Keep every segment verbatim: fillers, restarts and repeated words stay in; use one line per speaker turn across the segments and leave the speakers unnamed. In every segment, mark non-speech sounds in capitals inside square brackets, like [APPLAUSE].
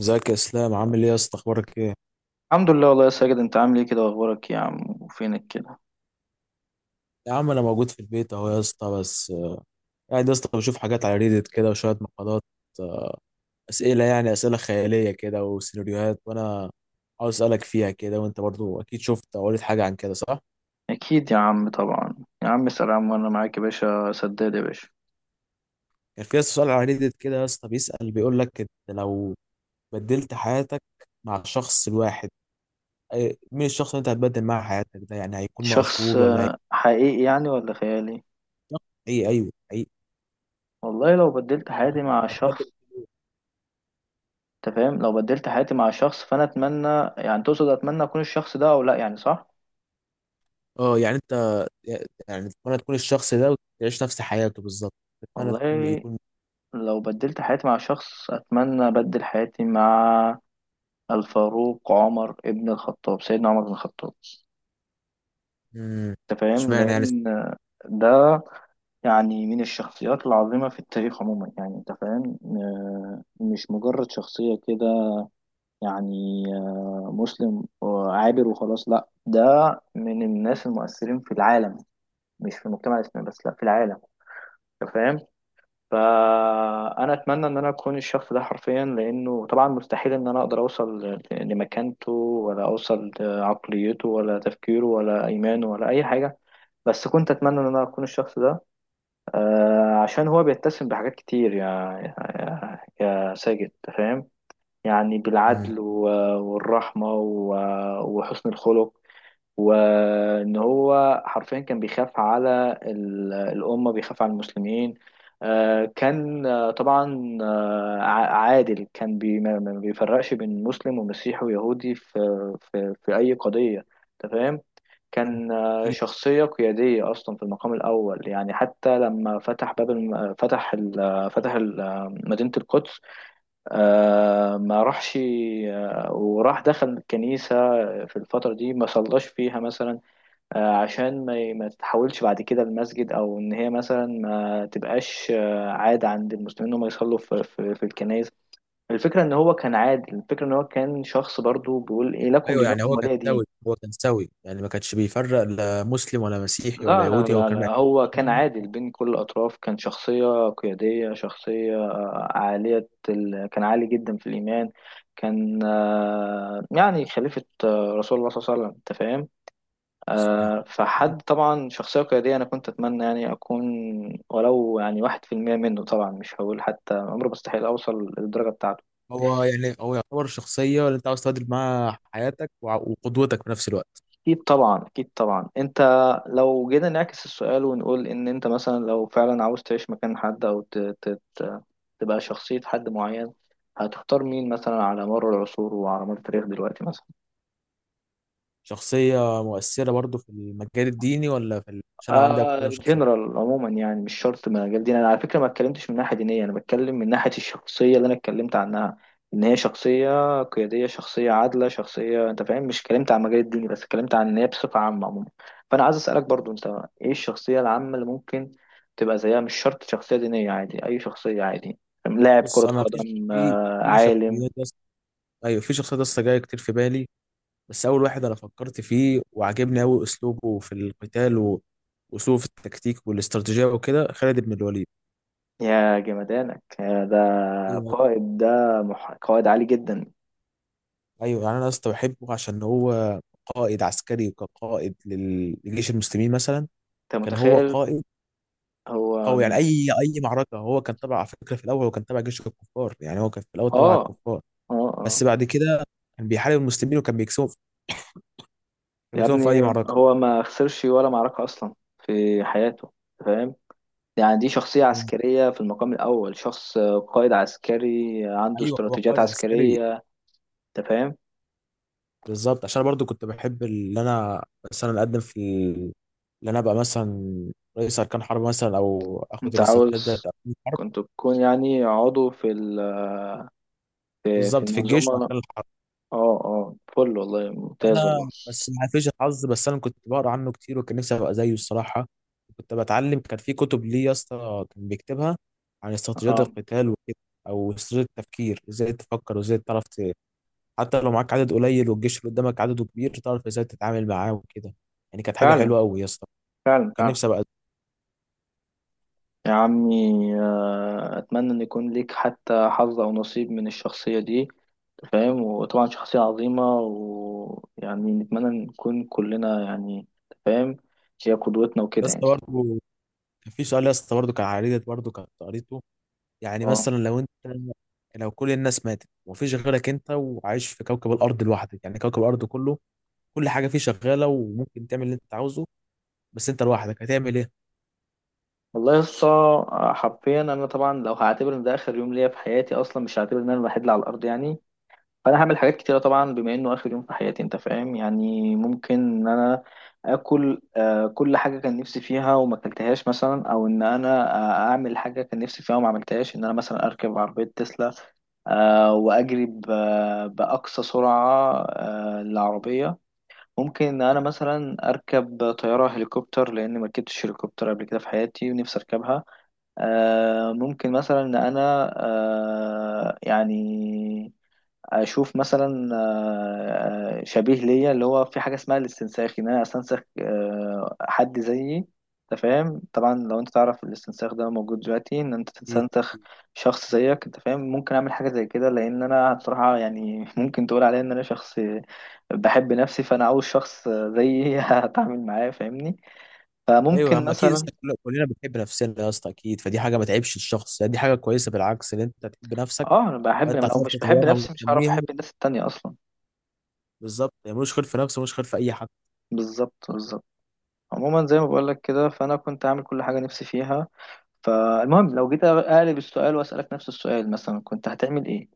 ازيك يا اسلام، عامل ايه يا اسطى؟ اخبارك ايه؟
الحمد لله والله يا ساجد، انت عامل ايه كده واخبارك؟ يا عم وفينك كده؟
يا عم انا موجود في البيت اهو يا اسطى. بس آه، قاعد يا اسطى بشوف حاجات على ريدت كده وشويه مقالات. آه، اسئله يعني اسئله خياليه كده وسيناريوهات، وانا عاوز اسالك فيها كده، وانت برضو اكيد شفت او قريت حاجه عن كده صح؟
اكيد يا عم طبعا. يا عم اسأل، يا عم وانا معاك يا باشا، سداد يا باشا.
كان في يا اسطى سؤال على ريدت كده يا اسطى، بيسال بيقول لك، انت لو بدلت حياتك مع الشخص الواحد، أي- مين الشخص اللي انت هتبدل معاه حياتك ده؟ يعني هيكون
شخص
مشهور ولا هيكون
آه، حقيقي يعني ولا خيالي؟
حقيقي؟ ايوه
والله لو بدلت حياتي مع
حقيقي.
شخص... انت فاهم؟ لو بدلت حياتي مع شخص فانا اتمنى... يعني تقصد اتمنى اكون الشخص ده او لا، يعني صح؟
اه يعني انت، يعني تتمنى تكون الشخص ده وتعيش نفس حياته بالظبط؟ تتمنى تكون
والله
يكون.
لو بدلت حياتي مع شخص، اتمنى ابدل حياتي مع الفاروق عمر ابن الخطاب، سيدنا عمر بن الخطاب.
مم.
انت فاهم؟
اشمعنى يعني؟
لان ده يعني من الشخصيات العظيمة في التاريخ عموما، يعني أنت فاهم؟ آه، مش مجرد شخصية كده. يعني آه، مسلم آه، عابر وخلاص، لا، ده من الناس المؤثرين في العالم، مش في المجتمع الإسلامي بس، لا، في العالم. أنت فاهم؟ فأنا أتمنى إن أنا أكون الشخص ده حرفيا، لأنه طبعا مستحيل إن أنا أقدر أوصل ل- لمكانته، ولا أوصل لعقليته، ولا تفكيره، ولا إيمانه، ولا أي حاجة. بس كنت أتمنى إن أنا أكون الشخص ده. آه، عشان هو بيتسم بحاجات كتير يا يا, يا ساجد. أنت فاهم؟ يعني
مم.
بالعدل و- والرحمة و- وحسن الخلق. وان هو حرفيا كان بيخاف على ال- الامه، بيخاف على المسلمين. آه، كان آه، طبعا آه، ع- عادل. كان بي ما ما بيفرقش بين مسلم ومسيحي ويهودي في في في اي قضيه. أنت فاهم؟ كان آه،
أكيد.
شخصيه قياديه اصلا في المقام الاول، يعني حتى لما فتح باب الم... فتح ال... فتح ال... آه، مدينه القدس. آه ما راحش. آه وراح دخل الكنيسة. في الفترة دي ما صلاش فيها مثلا. آه عشان ما, ي- ما تتحولش بعد كده المسجد، أو إن هي مثلا ما تبقاش آه عادة عند المسلمين إنهم يصلوا في, في, في الكنائس. الفكرة إن هو كان عادي، الفكرة إن هو كان شخص برضو بيقول إيه؟ لكم
ايوه يعني
دينكم
هو كان
ولي دين.
سوي، هو كان سوي، يعني ما كانش بيفرق لا مسلم ولا مسيحي ولا
لا لا
يهودي، هو
لا
كان
لا،
معتبر
هو كان
كلهم
عادل بين كل الأطراف، كان شخصية قيادية، شخصية آه، عالية ال... كان عالي جدا في الإيمان. كان آه، يعني خليفة آه، رسول الله صلى الله عليه وسلم، أنت فاهم؟
مسلم.
آه، فحد طبعا شخصية قيادية، أنا كنت أتمنى يعني أكون ولو يعني واحد في المية منه، طبعا مش هقول حتى، عمري مستحيل أوصل للدرجة بتاعته.
هو يعني هو يعتبر شخصية اللي انت عاوز تعدل معاها حياتك وع- وقدوتك في نفس الوقت؟
اكيد طبعا، اكيد طبعا، انت... لو جينا نعكس السؤال ونقول ان انت مثلا لو فعلا عاوز تعيش مكان حد، او ت... ت... ت... تبقى شخصية حد معين، هتختار مين مثلا على مر العصور وعلى مر التاريخ دلوقتي مثلا؟
شخصية مؤثرة برضو في المجال الديني ولا في ال... عشان انا عندي اكتر
آه
من شخصية.
جنرال عموما، يعني مش شرط من مجال ديني، انا على فكره ما اتكلمتش من ناحيه دينيه، انا بتكلم من ناحيه الشخصيه اللي انا اتكلمت عنها. ان هي شخصيه قياديه، شخصيه عادله، شخصيه، انت فاهم؟ مش اتكلمت عن مجال الديني بس، اتكلمت عن ان هي بصفه عامه عموما. فانا عايز اسالك برضو انت، ايه الشخصيه العامه اللي ممكن تبقى زيها؟ مش شرط شخصيه دينيه، عادي اي شخصيه، عادي، لاعب كره
بص انا في
قدم،
في
آه
في
عالم.
شخصيات، ايوه في شخصيات لسه جايه كتير في بالي، بس اول واحد انا فكرت فيه وعجبني قوي اسلوبه في القتال و- واسلوبه في التكتيك والاستراتيجيه وكده، خالد بن الوليد.
يا جمدانك يا ده!
ايوه.
قائد ده، مح... قائد عالي جدا.
ايوه يعني انا لسه بحبه عشان هو قائد عسكري، وكقائد لل- لجيش المسلمين مثلا،
انت
كان هو
متخيل؟
قائد.
هو...
او يعني اي اي معركه هو كان تبع، على فكره في الاول هو كان تبع جيش الكفار، يعني هو كان في الاول تبع
اه
الكفار،
اه اه.
بس بعد كده كان بيحارب المسلمين وكان بيكسبهم، كان
يا
بيكسبهم في اي
ابني،
معركه.
هو ما خسرش ولا معركة أصلا في حياته، فاهم؟ يعني دي شخصية
مم.
عسكرية في المقام الأول، شخص قائد عسكري عنده
ايوه هو
استراتيجيات
قائد عسكري
عسكرية، أنت فاهم؟
بالظبط، عشان أنا برضو كنت بحب اللي انا مثلا اقدم في ال- اللي انا ابقى مثلا رئيس اركان حرب مثلا، او اخد
أنت
الاستطلاعات بتاعت
عاوز
اركان الحرب،
كنت تكون يعني عضو في ال... في في
بالظبط في الجيش
المنظومة.
واركان الحرب.
اه اه، فل والله، ممتاز والله.
انا بس ما فيش الحظ، بس انا كنت بقرا عنه كتير وكان نفسي ابقى زيه الصراحه. كنت بتعلم، كان في كتب ليه يا اسطى كان بيكتبها عن استراتيجيات
اه،
القتال وكده، او استراتيجيه التفكير، ازاي تفكر وازاي تعرف ت- حتى لو معاك عدد قليل والجيش اللي قدامك عدده كبير تعرف ازاي تتعامل معاه وكده، يعني كانت حاجه
فعلا
حلوه قوي يا اسطى.
فعلا
كان
فعلا.
نفسي ابقى.
يا عمي، آه، أتمنى إن يكون ليك حتى حظ أو نصيب من الشخصية دي، فاهم؟ وطبعا شخصية عظيمة، ويعني نتمنى نكون كلنا يعني، فاهم؟ هي قدوتنا
يا
وكده
اسطى
يعني.
برضه كان في سؤال يا اسطى، برضه كان عريضة برضه كنت قريته، يعني
اه،
مثلا لو انت، لو كل الناس ماتت ومفيش غيرك انت وعايش في كوكب الارض لوحدك، يعني كوكب الارض كله، كل حاجه فيه شغاله وممكن تعمل اللي انت عاوزه، بس انت لوحدك هتعمل ايه؟
والله لسه، حرفيا انا طبعا لو هعتبر ان ده اخر يوم ليا في حياتي اصلا، مش هعتبر ان انا الوحيد اللي على الارض يعني، فانا هعمل حاجات كتيره طبعا بما انه اخر يوم في حياتي، انت فاهم؟ يعني ممكن ان انا اكل آه كل حاجه كان نفسي فيها وما اكلتهاش مثلا، او ان انا آه اعمل حاجه كان نفسي فيها وما عملتهاش. ان انا مثلا اركب عربيه تسلا، آه واجري ب- باقصى سرعه آه للعربيه. ممكن ان انا مثلا اركب طياره هليكوبتر، لان ما ركبتش هليكوبتر قبل كده في حياتي ونفسي اركبها. آه ممكن مثلا ان انا آه يعني اشوف مثلا آه، شبيه ليا، اللي هو في حاجه اسمها الاستنساخ، ان انا استنسخ آه، حد زيي. انت فاهم؟ طبعا لو انت تعرف الاستنساخ ده موجود دلوقتي، ان انت
إيه؟
تستنسخ شخص زيك، انت فاهم؟ ممكن اعمل حاجه زي كده، لان انا بصراحه يعني [LAUGHS] ممكن تقول عليا ان انا شخص بحب نفسي، فانا عاوز شخص زيي [LAUGHS] هتعامل معاه، فاهمني؟
ايوه يا
فممكن
عم اكيد يا
مثلا...
اسطى، كل- كلنا بنحب نفسنا يا اسطى اكيد، فدي حاجه ما تعيبش الشخص، يعني دي حاجه كويسه بالعكس ان انت تحب نفسك،
اه، انا بحب،
فانت
لما لو
هتعرف
مش بحب
تطورها
نفسي مش هعرف
وتنميها،
احب الناس التانية اصلا.
بالظبط، يعني ملوش خير في نفسه ملوش خير في اي حد.
بالظبط بالظبط. عموما زي ما بقولك كده، فانا كنت عامل كل حاجه نفسي فيها. فالمهم لو جيت اقلب السؤال واسالك نفس السؤال مثلا، كنت هتعمل ايه؟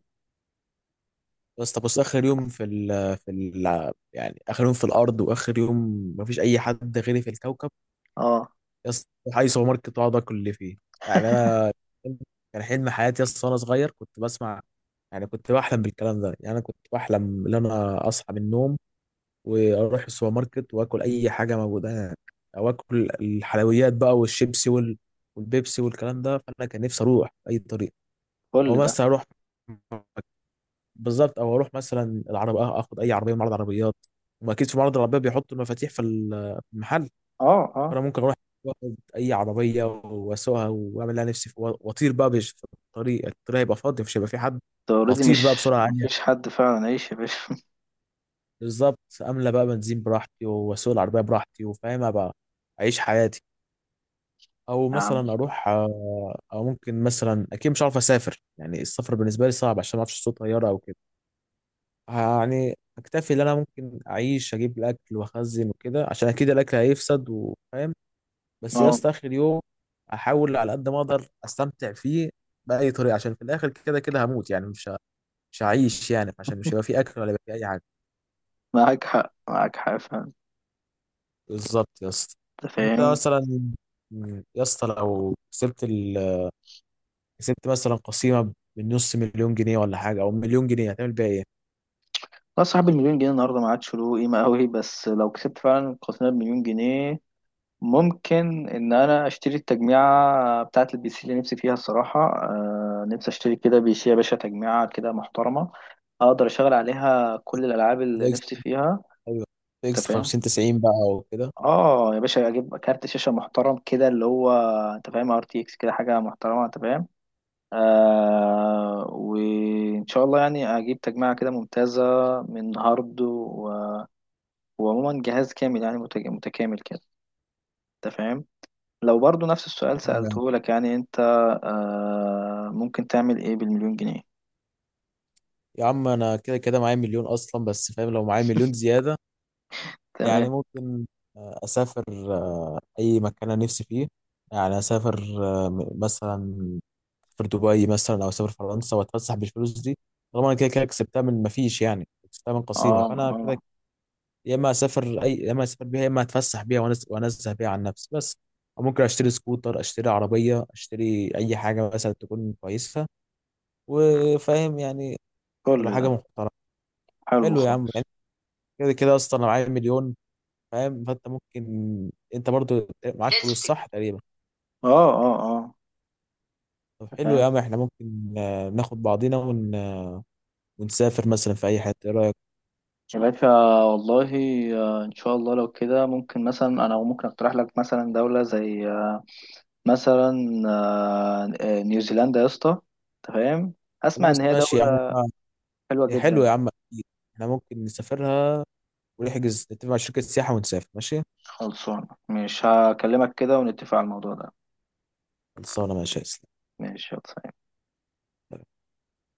بس طب بص، اخر يوم في ال في ال يعني اخر يوم في الارض، واخر يوم مفيش اي حد غيري في الكوكب،
اه،
يا اسطى أروح اي سوبر ماركت واقعد اكل اللي فيه، يعني انا كان حلم حياتي يا اسطى وانا صغير، كنت بسمع، يعني كنت بحلم بالكلام ده، يعني انا كنت بحلم ان انا اصحى من النوم واروح السوبر ماركت واكل اي حاجه موجوده هناك، او اكل الحلويات بقى والشيبسي وال- والبيبسي والكلام ده، فانا كان نفسي اروح باي طريقه، او
كل ده.
مثلا اروح، بالظبط، او اروح مثلا العربية، آه، اخد اي عربيه من معرض عربيات، واكيد في معرض العربيات بيحطوا المفاتيح في ال- في المحل،
اه اه.
فانا ممكن اروح واخد اي عربيه واسوقها واعمل لها نفسي في- واطير بقى بش- في الطريق، الطريق هيبقى فاضي مش هيبقى في حد،
انت اوريدي،
اطير بقى
مش
بسرعه عاليه،
مفيش حد فعلا، عيش يا باشا [LAUGHS]
بالظبط، املى بقى بنزين براحتي واسوق العربيه براحتي وفاهمها بقى، اعيش حياتي. او
يا عم،
مثلا اروح آه، او ممكن مثلا، اكيد مش عارف اسافر، يعني السفر بالنسبه لي صعب عشان ما اعرفش صوت طياره او كده، يعني اكتفي ان انا ممكن اعيش، اجيب الاكل واخزن وكده عشان اكيد الاكل هيفسد وفاهم، بس يا
اه،
اسطى اخر يوم احاول على قد ما اقدر استمتع فيه باي طريقه عشان في الاخر كده كده هموت، يعني مش ه- مش هعيش يعني، عشان مش هيبقى في اكل ولا هيبقى في اي حاجه،
معاك حق، معاك حق فعلا.
بالظبط يا اسطى.
انت
انت
فاهم؟
مثلا، م، يا اسطى لو كسبت ال... كسبت مثلا قسيمه بنص مليون جنيه ولا حاجه، او مليون جنيه، هتعمل بيها ايه؟
لا، صاحب المليون جنيه النهارده ما عادش له قيمه قوي، بس لو كسبت فعلا قسم المليون جنيه، ممكن ان انا اشتري التجميعة بتاعة البي سي اللي نفسي فيها الصراحة. آه، نفسي اشتري كده بي سي يا باشا، تجميعة كده محترمة اقدر اشغل عليها كل الالعاب اللي
ده اكس،
نفسي فيها.
ايوه ده
انت
اكس
فاهم؟
خمسين تسعين بقى وكده.
اه يا باشا، اجيب كارت شاشة محترم كده، اللي هو انت فاهم، ار تي اكس كده، حاجة محترمة، انت فاهم؟ آه، وان شاء الله يعني اجيب تجميعة كده ممتازة، من هارد و... وعموما جهاز كامل، يعني متج- متكامل كده، انت فاهم؟ لو برضو نفس السؤال سألته لك، يعني انت آه ممكن تعمل ايه بالمليون جنيه؟
يا عم انا كده كده معايا مليون اصلا، بس فاهم، لو معايا مليون زياده يعني
تمام.
ممكن آه، اسافر آه، اي مكان انا نفسي فيه، يعني اسافر آه، م- مثلا في دبي مثلا، او اسافر فرنسا واتفسح بالفلوس دي، طالما انا كده كده كسبتها من ما فيش، يعني كسبتها من قسيمه،
اه
فانا كده
اه،
يا اما اسافر اي، يا اما اسافر بيها، يا اما اتفسح بيها وأنز- وانزه بيها عن نفسي بس، أو ممكن اشتري سكوتر، اشتري عربيه، اشتري اي حاجه مثلا تكون كويسه وفاهم يعني، تبقى
كل
حاجه
ده
محترمه.
حلو
حلو يا عم،
خالص.
كده كده اصلا لو معايا مليون فاهم، فانت ممكن، انت برضو معاك
لازم
فلوس
تجيب.
صح تقريبا؟
اه اه اه.
طب حلو يا
تمام
عم، احنا ممكن آه، ناخد بعضينا ون... آه، ونسافر مثلا في اي حته، ايه رايك؟
يا باشا، والله، آه ان شاء الله لو كده، ممكن مثلا انا ممكن اقترح لك مثلا دولة زي آه مثلا آه آه، نيوزيلندا يا اسطى. تمام. اسمع،
خلاص
ان هي
ماشي يا عم،
دولة
احنا،
حلوة
إيه
جدا.
حلو يا عم اكيد، احنا ممكن نسافرها ونحجز نتفق مع شركه سياحه ونسافر ماشي.
خلصانة، مش هكلمك كده ونتفق على الموضوع ده.
خلصانه ماشي يا اسلام.
ماشي يلا.